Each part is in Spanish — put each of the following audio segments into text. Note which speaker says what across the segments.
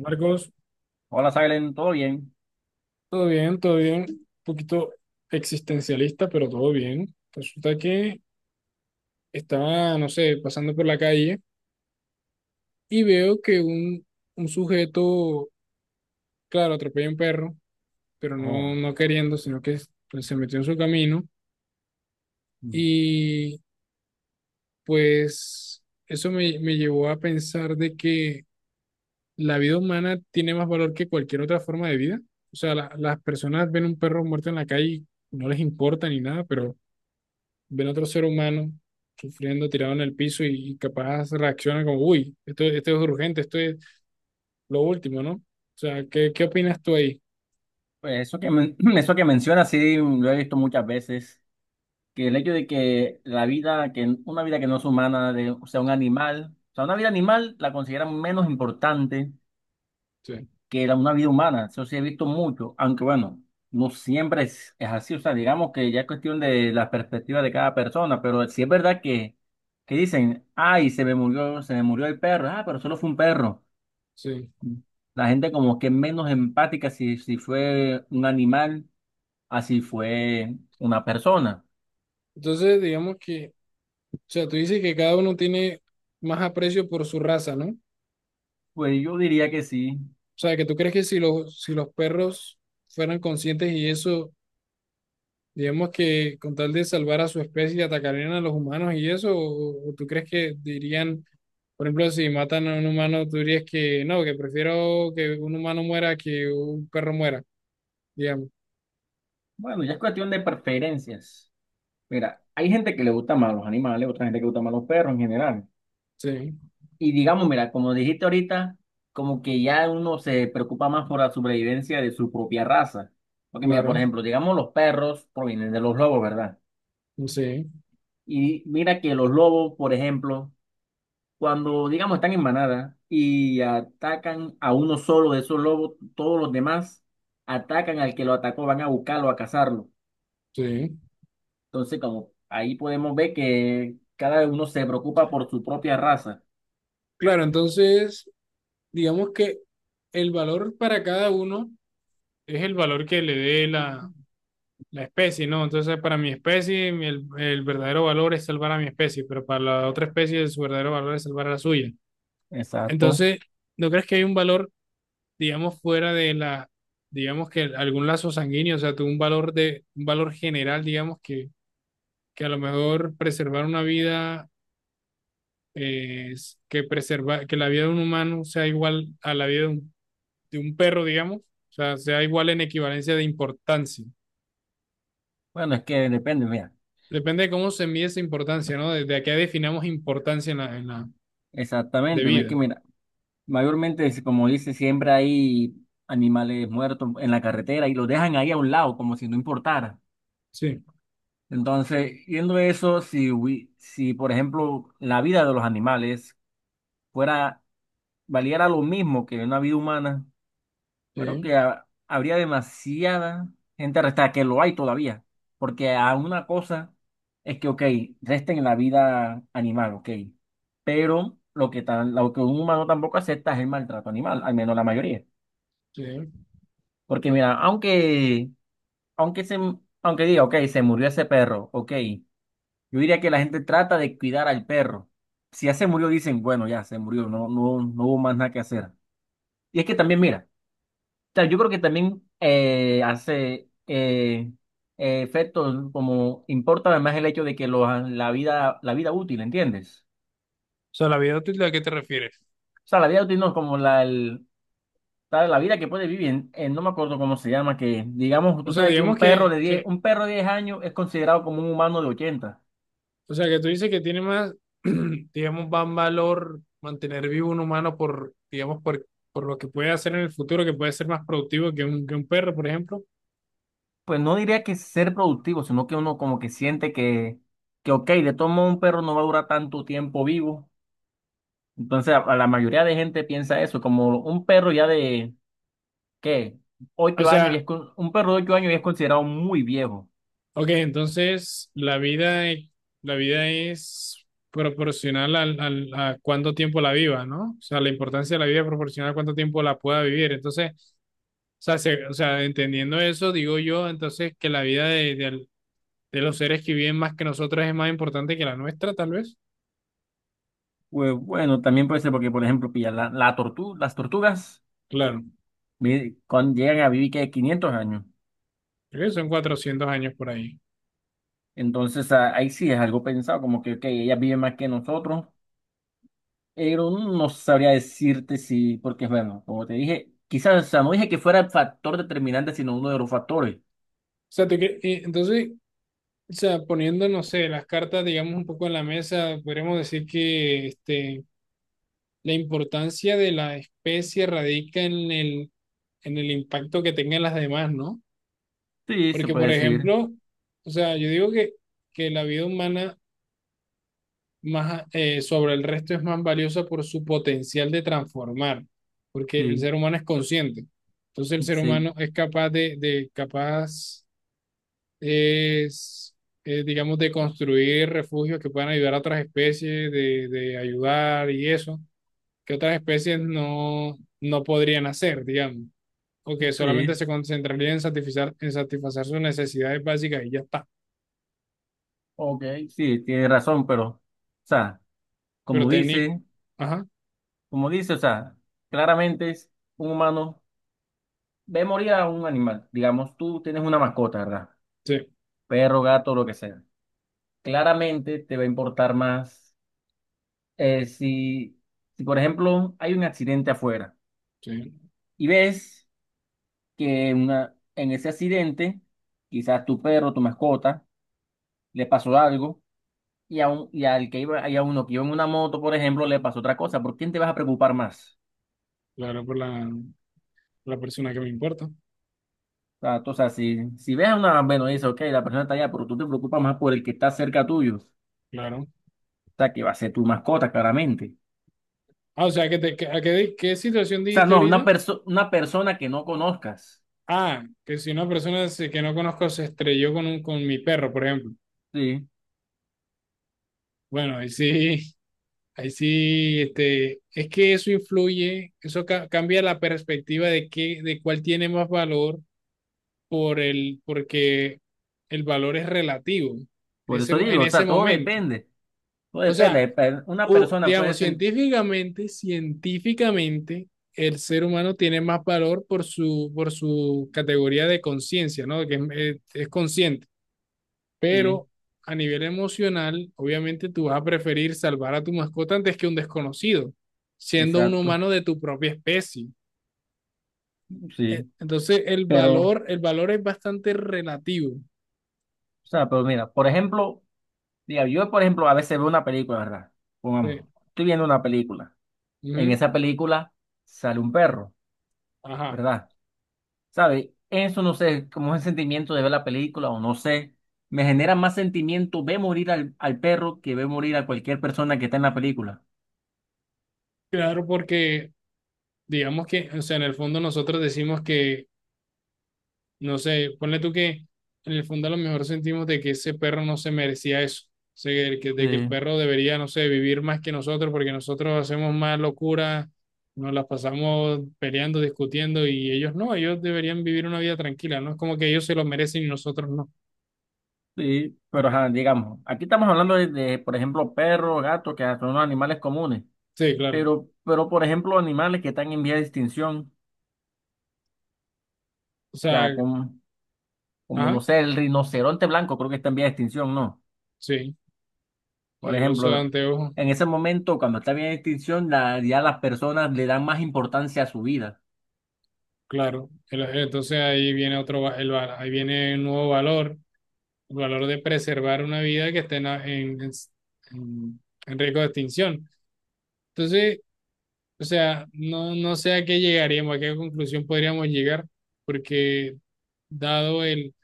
Speaker 1: Marcos,
Speaker 2: Hola, Silen, ¿todo bien?
Speaker 1: todo bien, todo bien. Un poquito existencialista, pero todo bien. Resulta que estaba, no sé, pasando por la calle y veo que un sujeto, claro, atropella a un perro, pero
Speaker 2: Oh,
Speaker 1: no queriendo, sino que pues, se metió en su camino.
Speaker 2: mm.
Speaker 1: Y pues eso me llevó a pensar de que la vida humana tiene más valor que cualquier otra forma de vida. O sea, las personas ven un perro muerto en la calle y no les importa ni nada, pero ven a otro ser humano sufriendo, tirado en el piso y capaz reacciona como, uy, esto es urgente, esto es lo último, ¿no? O sea, ¿qué opinas tú ahí?
Speaker 2: Pues eso que mencionas, sí, lo he visto muchas veces, que el hecho de que la vida, que una vida que no es humana, o sea, un animal, o sea, una vida animal la consideran menos importante
Speaker 1: Sí,
Speaker 2: que una vida humana, eso sí he visto mucho, aunque bueno, no siempre es, así, o sea, digamos que ya es cuestión de la perspectiva de cada persona, pero sí es verdad que dicen, ay, se me murió el perro, ah, pero solo fue un perro.
Speaker 1: sí.
Speaker 2: La gente como que es menos empática si fue un animal, así fue una persona.
Speaker 1: Entonces, digamos que, o sea, tú dices que cada uno tiene más aprecio por su raza, ¿no? O
Speaker 2: Pues yo diría que sí.
Speaker 1: sea, que tú crees que si si los perros fueran conscientes y eso. Digamos que con tal de salvar a su especie atacarían a los humanos y eso, o tú crees que dirían, por ejemplo, si matan a un humano, tú dirías que no, que prefiero que un humano muera que un perro muera, digamos.
Speaker 2: Bueno, ya es cuestión de preferencias. Mira, hay gente que le gusta más los animales, otra gente que le gusta más los perros en general.
Speaker 1: Sí,
Speaker 2: Y digamos, mira, como dijiste ahorita, como que ya uno se preocupa más por la supervivencia de su propia raza. Porque mira, por
Speaker 1: claro,
Speaker 2: ejemplo, digamos los perros provienen de los lobos, ¿verdad?
Speaker 1: sí,
Speaker 2: Y mira que los lobos, por ejemplo, cuando, digamos, están en manada y atacan a uno solo de esos lobos, todos los demás atacan al que lo atacó, van a buscarlo, a cazarlo.
Speaker 1: sí.
Speaker 2: Entonces, como ahí podemos ver que cada uno se preocupa por su propia raza.
Speaker 1: Claro, entonces, digamos que el valor para cada uno es el valor que le dé la especie, ¿no? Entonces, para mi especie, el verdadero valor es salvar a mi especie, pero para la otra especie, su verdadero valor es salvar a la suya.
Speaker 2: Exacto.
Speaker 1: Entonces, ¿no crees que hay un valor, digamos, fuera de la, digamos que algún lazo sanguíneo, o sea, tú un valor de, un valor general, digamos, que a lo mejor preservar una vida, que preserva, que la vida de un humano sea igual a la vida de un perro, digamos, o sea, sea igual en equivalencia de importancia.
Speaker 2: Bueno, es que depende, mira.
Speaker 1: Depende de cómo se mide esa importancia, ¿no? Desde acá definamos importancia en la, de
Speaker 2: Exactamente, es
Speaker 1: vida.
Speaker 2: que mira, mayormente, es como dice, siempre hay animales muertos en la carretera y los dejan ahí a un lado, como si no importara.
Speaker 1: Sí,
Speaker 2: Entonces, viendo eso, si por ejemplo la vida de los animales fuera, valiera lo mismo que una vida humana, pero
Speaker 1: sí,
Speaker 2: que habría demasiada gente arrestada, que lo hay todavía. Porque a una cosa es que, ok, resten la vida animal, ok. Pero lo que un humano tampoco acepta es el maltrato animal, al menos la mayoría.
Speaker 1: sí. O
Speaker 2: Porque mira, aunque, se, aunque diga, ok, se murió ese perro, ok, yo diría que la gente trata de cuidar al perro. Si ya se murió, dicen, bueno, ya se murió, no, no, no hubo más nada que hacer. Y es que también, mira, yo creo que también hace efecto, como importa además el hecho de que la vida útil, ¿entiendes?
Speaker 1: sea, la vida útil, ¿a qué te refieres?
Speaker 2: O sea, la vida útil no es como la vida que puede vivir, no me acuerdo cómo se llama, que digamos,
Speaker 1: O
Speaker 2: tú
Speaker 1: sea,
Speaker 2: sabes que un
Speaker 1: digamos
Speaker 2: perro
Speaker 1: que,
Speaker 2: de 10
Speaker 1: que
Speaker 2: un perro de 10 años es considerado como un humano de 80.
Speaker 1: O sea, que tú dices que tiene más, digamos, más valor mantener vivo un humano por, digamos, por lo que puede hacer en el futuro, que puede ser más productivo que un perro, por ejemplo.
Speaker 2: Pues no diría que ser productivo, sino que uno como que siente que ok, de todo modo un perro no va a durar tanto tiempo vivo. Entonces, a la mayoría de gente piensa eso, como un perro ya de ¿qué?
Speaker 1: O
Speaker 2: 8 años y
Speaker 1: sea,
Speaker 2: es un perro de 8 años ya es considerado muy viejo.
Speaker 1: ok, entonces la vida, la vida es proporcional al a cuánto tiempo la viva, ¿no? O sea, la importancia de la vida es proporcional a cuánto tiempo la pueda vivir. Entonces, o sea, o sea, entendiendo eso, digo yo, entonces, que la vida de los seres que viven más que nosotros es más importante que la nuestra, tal vez.
Speaker 2: Pues bueno, también puede ser porque, por ejemplo, pilla las tortugas
Speaker 1: Claro.
Speaker 2: llegan a vivir que 500 años.
Speaker 1: Creo que son 400 años por ahí. O
Speaker 2: Entonces ahí sí es algo pensado, como que ok, ellas viven más que nosotros, pero no sabría decirte si, porque bueno, como te dije, quizás, o sea, no dije que fuera el factor determinante, sino uno de los factores.
Speaker 1: sea, entonces, o sea, poniendo, no sé, las cartas, digamos, un poco en la mesa, podríamos decir que este, la importancia de la especie radica en el impacto que tengan las demás, ¿no?
Speaker 2: Sí, se
Speaker 1: Porque,
Speaker 2: puede
Speaker 1: por
Speaker 2: decir,
Speaker 1: ejemplo, o sea, yo digo que la vida humana más, sobre el resto es más valiosa por su potencial de transformar, porque el
Speaker 2: sí,
Speaker 1: ser humano es consciente. Entonces, el ser
Speaker 2: sí,
Speaker 1: humano es capaz de es, digamos, de construir refugios que puedan ayudar a otras especies, de ayudar y eso, que otras especies no, no podrían hacer, digamos, o que solamente
Speaker 2: sí,
Speaker 1: se concentrarían en satisfacer sus necesidades básicas y ya está.
Speaker 2: ok, sí, tienes razón, pero, o sea,
Speaker 1: Pero
Speaker 2: como
Speaker 1: técnic,
Speaker 2: dice.
Speaker 1: ajá,
Speaker 2: Como dice, o sea, claramente es un humano ve morir a un animal. Digamos, tú tienes una mascota, ¿verdad?
Speaker 1: sí,
Speaker 2: Perro, gato, lo que sea. Claramente te va a importar más si, si, por ejemplo, hay un accidente afuera
Speaker 1: sí,
Speaker 2: y ves que en ese accidente, quizás tu perro, tu mascota, le pasó algo y, al que iba, y a uno que iba en una moto, por ejemplo, le pasó otra cosa. ¿Por quién te vas a preocupar más?
Speaker 1: claro, por la, la persona que me importa,
Speaker 2: O sea, o sea, si ves a una bueno, y dices, ok, la persona está allá, pero tú te preocupas más por el que está cerca tuyo. O
Speaker 1: claro.
Speaker 2: sea, que va a ser tu mascota, claramente.
Speaker 1: Ah, o sea, ¿a qué, qué situación
Speaker 2: O sea,
Speaker 1: dijiste
Speaker 2: no, una,
Speaker 1: ahorita?
Speaker 2: perso- una persona que no conozcas.
Speaker 1: Ah, que si una que no conozco se estrelló con, un, con mi perro, por ejemplo.
Speaker 2: Sí,
Speaker 1: Bueno, ahí sí. Ahí sí, este, es que eso influye, eso cambia la perspectiva de qué, de cuál tiene más valor por el, porque el valor es relativo en
Speaker 2: por
Speaker 1: ese,
Speaker 2: eso
Speaker 1: en
Speaker 2: digo, o
Speaker 1: ese
Speaker 2: sea, todo
Speaker 1: momento.
Speaker 2: depende. Todo
Speaker 1: O sea,
Speaker 2: depende. Una
Speaker 1: o,
Speaker 2: persona puede
Speaker 1: digamos,
Speaker 2: sentir.
Speaker 1: científicamente, científicamente, el ser humano tiene más valor por su categoría de conciencia, ¿no? Que es, es consciente.
Speaker 2: Sí,
Speaker 1: Pero a nivel emocional, obviamente tú vas a preferir salvar a tu mascota antes que un desconocido, siendo un
Speaker 2: exacto.
Speaker 1: humano de tu propia especie.
Speaker 2: Sí,
Speaker 1: Entonces,
Speaker 2: pero, o
Speaker 1: el valor es bastante relativo.
Speaker 2: sea, pero mira, por ejemplo, yo, por ejemplo, a veces veo una película, ¿verdad?
Speaker 1: Sí.
Speaker 2: Pongamos, estoy viendo una película. En
Speaker 1: Ujú.
Speaker 2: esa película sale un perro,
Speaker 1: Ajá.
Speaker 2: ¿verdad? ¿Sabe? Eso no sé, como es el sentimiento de ver la película o no sé. Me genera más sentimiento ver morir al perro que ver morir a cualquier persona que está en la película.
Speaker 1: Claro, porque digamos que, o sea, en el fondo nosotros decimos que. No sé, ponle tú que en el fondo a lo mejor sentimos de que ese perro no se merecía eso. O sea, de que el
Speaker 2: Sí,
Speaker 1: perro debería, no sé, vivir más que nosotros porque nosotros hacemos más locura, nos las pasamos peleando, discutiendo y ellos no, ellos deberían vivir una vida tranquila, ¿no? Es como que ellos se lo merecen y nosotros no.
Speaker 2: sí, pero ajá, digamos, aquí estamos hablando de, por ejemplo, perros, gatos, que son animales comunes,
Speaker 1: Sí, claro.
Speaker 2: pero, por ejemplo, animales que están en vía de extinción,
Speaker 1: O
Speaker 2: o
Speaker 1: sea,
Speaker 2: sea, como, no
Speaker 1: ajá,
Speaker 2: sé, el rinoceronte blanco creo que está en vía de extinción, ¿no?
Speaker 1: sí. Y
Speaker 2: Por
Speaker 1: el oso de
Speaker 2: ejemplo,
Speaker 1: anteojo,
Speaker 2: en ese momento, cuando está en vía de extinción, ya las personas le dan más importancia a su vida.
Speaker 1: claro. Entonces ahí viene otro, ahí viene un nuevo valor, el valor de preservar una vida que esté en- en riesgo de extinción. Entonces, o sea, no, no sé a qué llegaríamos, a qué conclusión podríamos llegar, porque dado el,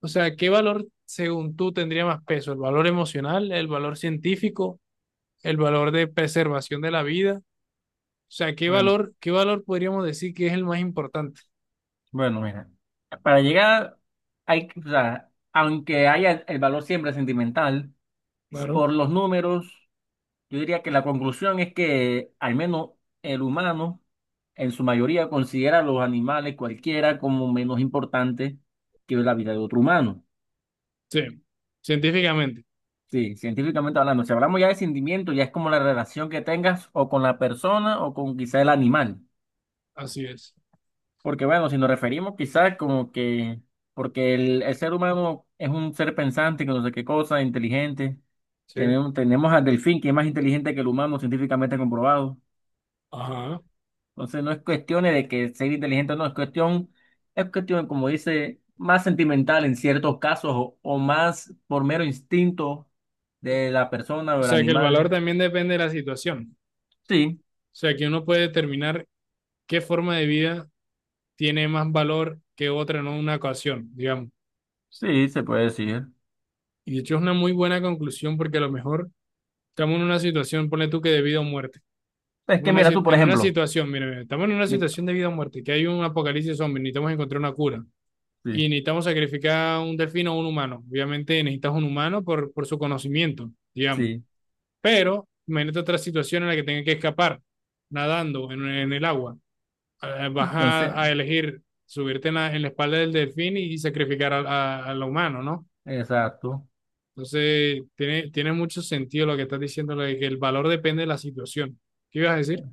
Speaker 1: o sea, ¿qué valor según tú tendría más peso? ¿El valor emocional, el valor científico, el valor de preservación de la vida? O sea,
Speaker 2: bueno
Speaker 1: qué valor podríamos decir que es el más importante?
Speaker 2: Bueno, mira, para llegar, o sea, aunque haya el valor siempre sentimental,
Speaker 1: Claro.
Speaker 2: por los números, yo diría que la conclusión es que al menos el humano, en su mayoría, considera a los animales cualquiera como menos importante que la vida de otro humano.
Speaker 1: Sí, científicamente,
Speaker 2: Sí, científicamente hablando, si hablamos ya de sentimiento, ya es como la relación que tengas o con la persona o con quizá el animal.
Speaker 1: así es.
Speaker 2: Porque bueno, si nos referimos quizás como que, porque el ser humano es un ser pensante, que no sé qué cosa, inteligente.
Speaker 1: Sí.
Speaker 2: Tenemos al delfín, que es más inteligente que el humano, científicamente comprobado.
Speaker 1: Ajá.
Speaker 2: Entonces no es cuestión de que ser inteligente o no, es cuestión, como dice, más sentimental en ciertos casos o más por mero instinto de la persona o
Speaker 1: O
Speaker 2: del
Speaker 1: sea, que el valor
Speaker 2: animal.
Speaker 1: también depende de la situación.
Speaker 2: Sí,
Speaker 1: O sea, que uno puede determinar qué forma de vida tiene más valor que otra en una ocasión, digamos.
Speaker 2: sí, se puede decir.
Speaker 1: Y de hecho es una muy buena conclusión porque a lo mejor estamos en una situación, ponle tú que de vida o muerte.
Speaker 2: Es que
Speaker 1: Una
Speaker 2: mira tú,
Speaker 1: si-
Speaker 2: por
Speaker 1: En una
Speaker 2: ejemplo,
Speaker 1: situación, mira, mira, estamos en una
Speaker 2: mi-
Speaker 1: situación de vida o muerte, que hay un apocalipsis zombie, necesitamos encontrar una cura. Y
Speaker 2: sí,
Speaker 1: necesitamos sacrificar un delfín o un humano. Obviamente necesitas un humano por su conocimiento, digamos.
Speaker 2: sí,
Speaker 1: Pero imagínate otra situación en la que tenga que escapar nadando en el agua. Vas
Speaker 2: entonces,
Speaker 1: a elegir subirte en la espalda del delfín y sacrificar a lo humano, ¿no?
Speaker 2: exacto.
Speaker 1: Entonces, tiene, tiene mucho sentido lo que estás diciendo, lo de que el valor depende de la situación. ¿Qué ibas a decir?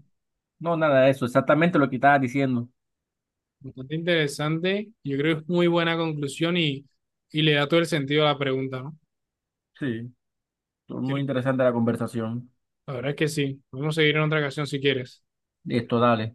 Speaker 2: No, nada de eso, exactamente lo que estaba diciendo.
Speaker 1: Bastante interesante, yo creo que es muy buena conclusión y le da todo el sentido a la pregunta, ¿no?
Speaker 2: Sí, estuvo muy
Speaker 1: Sí,
Speaker 2: interesante la conversación.
Speaker 1: la verdad es que sí, podemos seguir en otra ocasión si quieres.
Speaker 2: Esto, dale.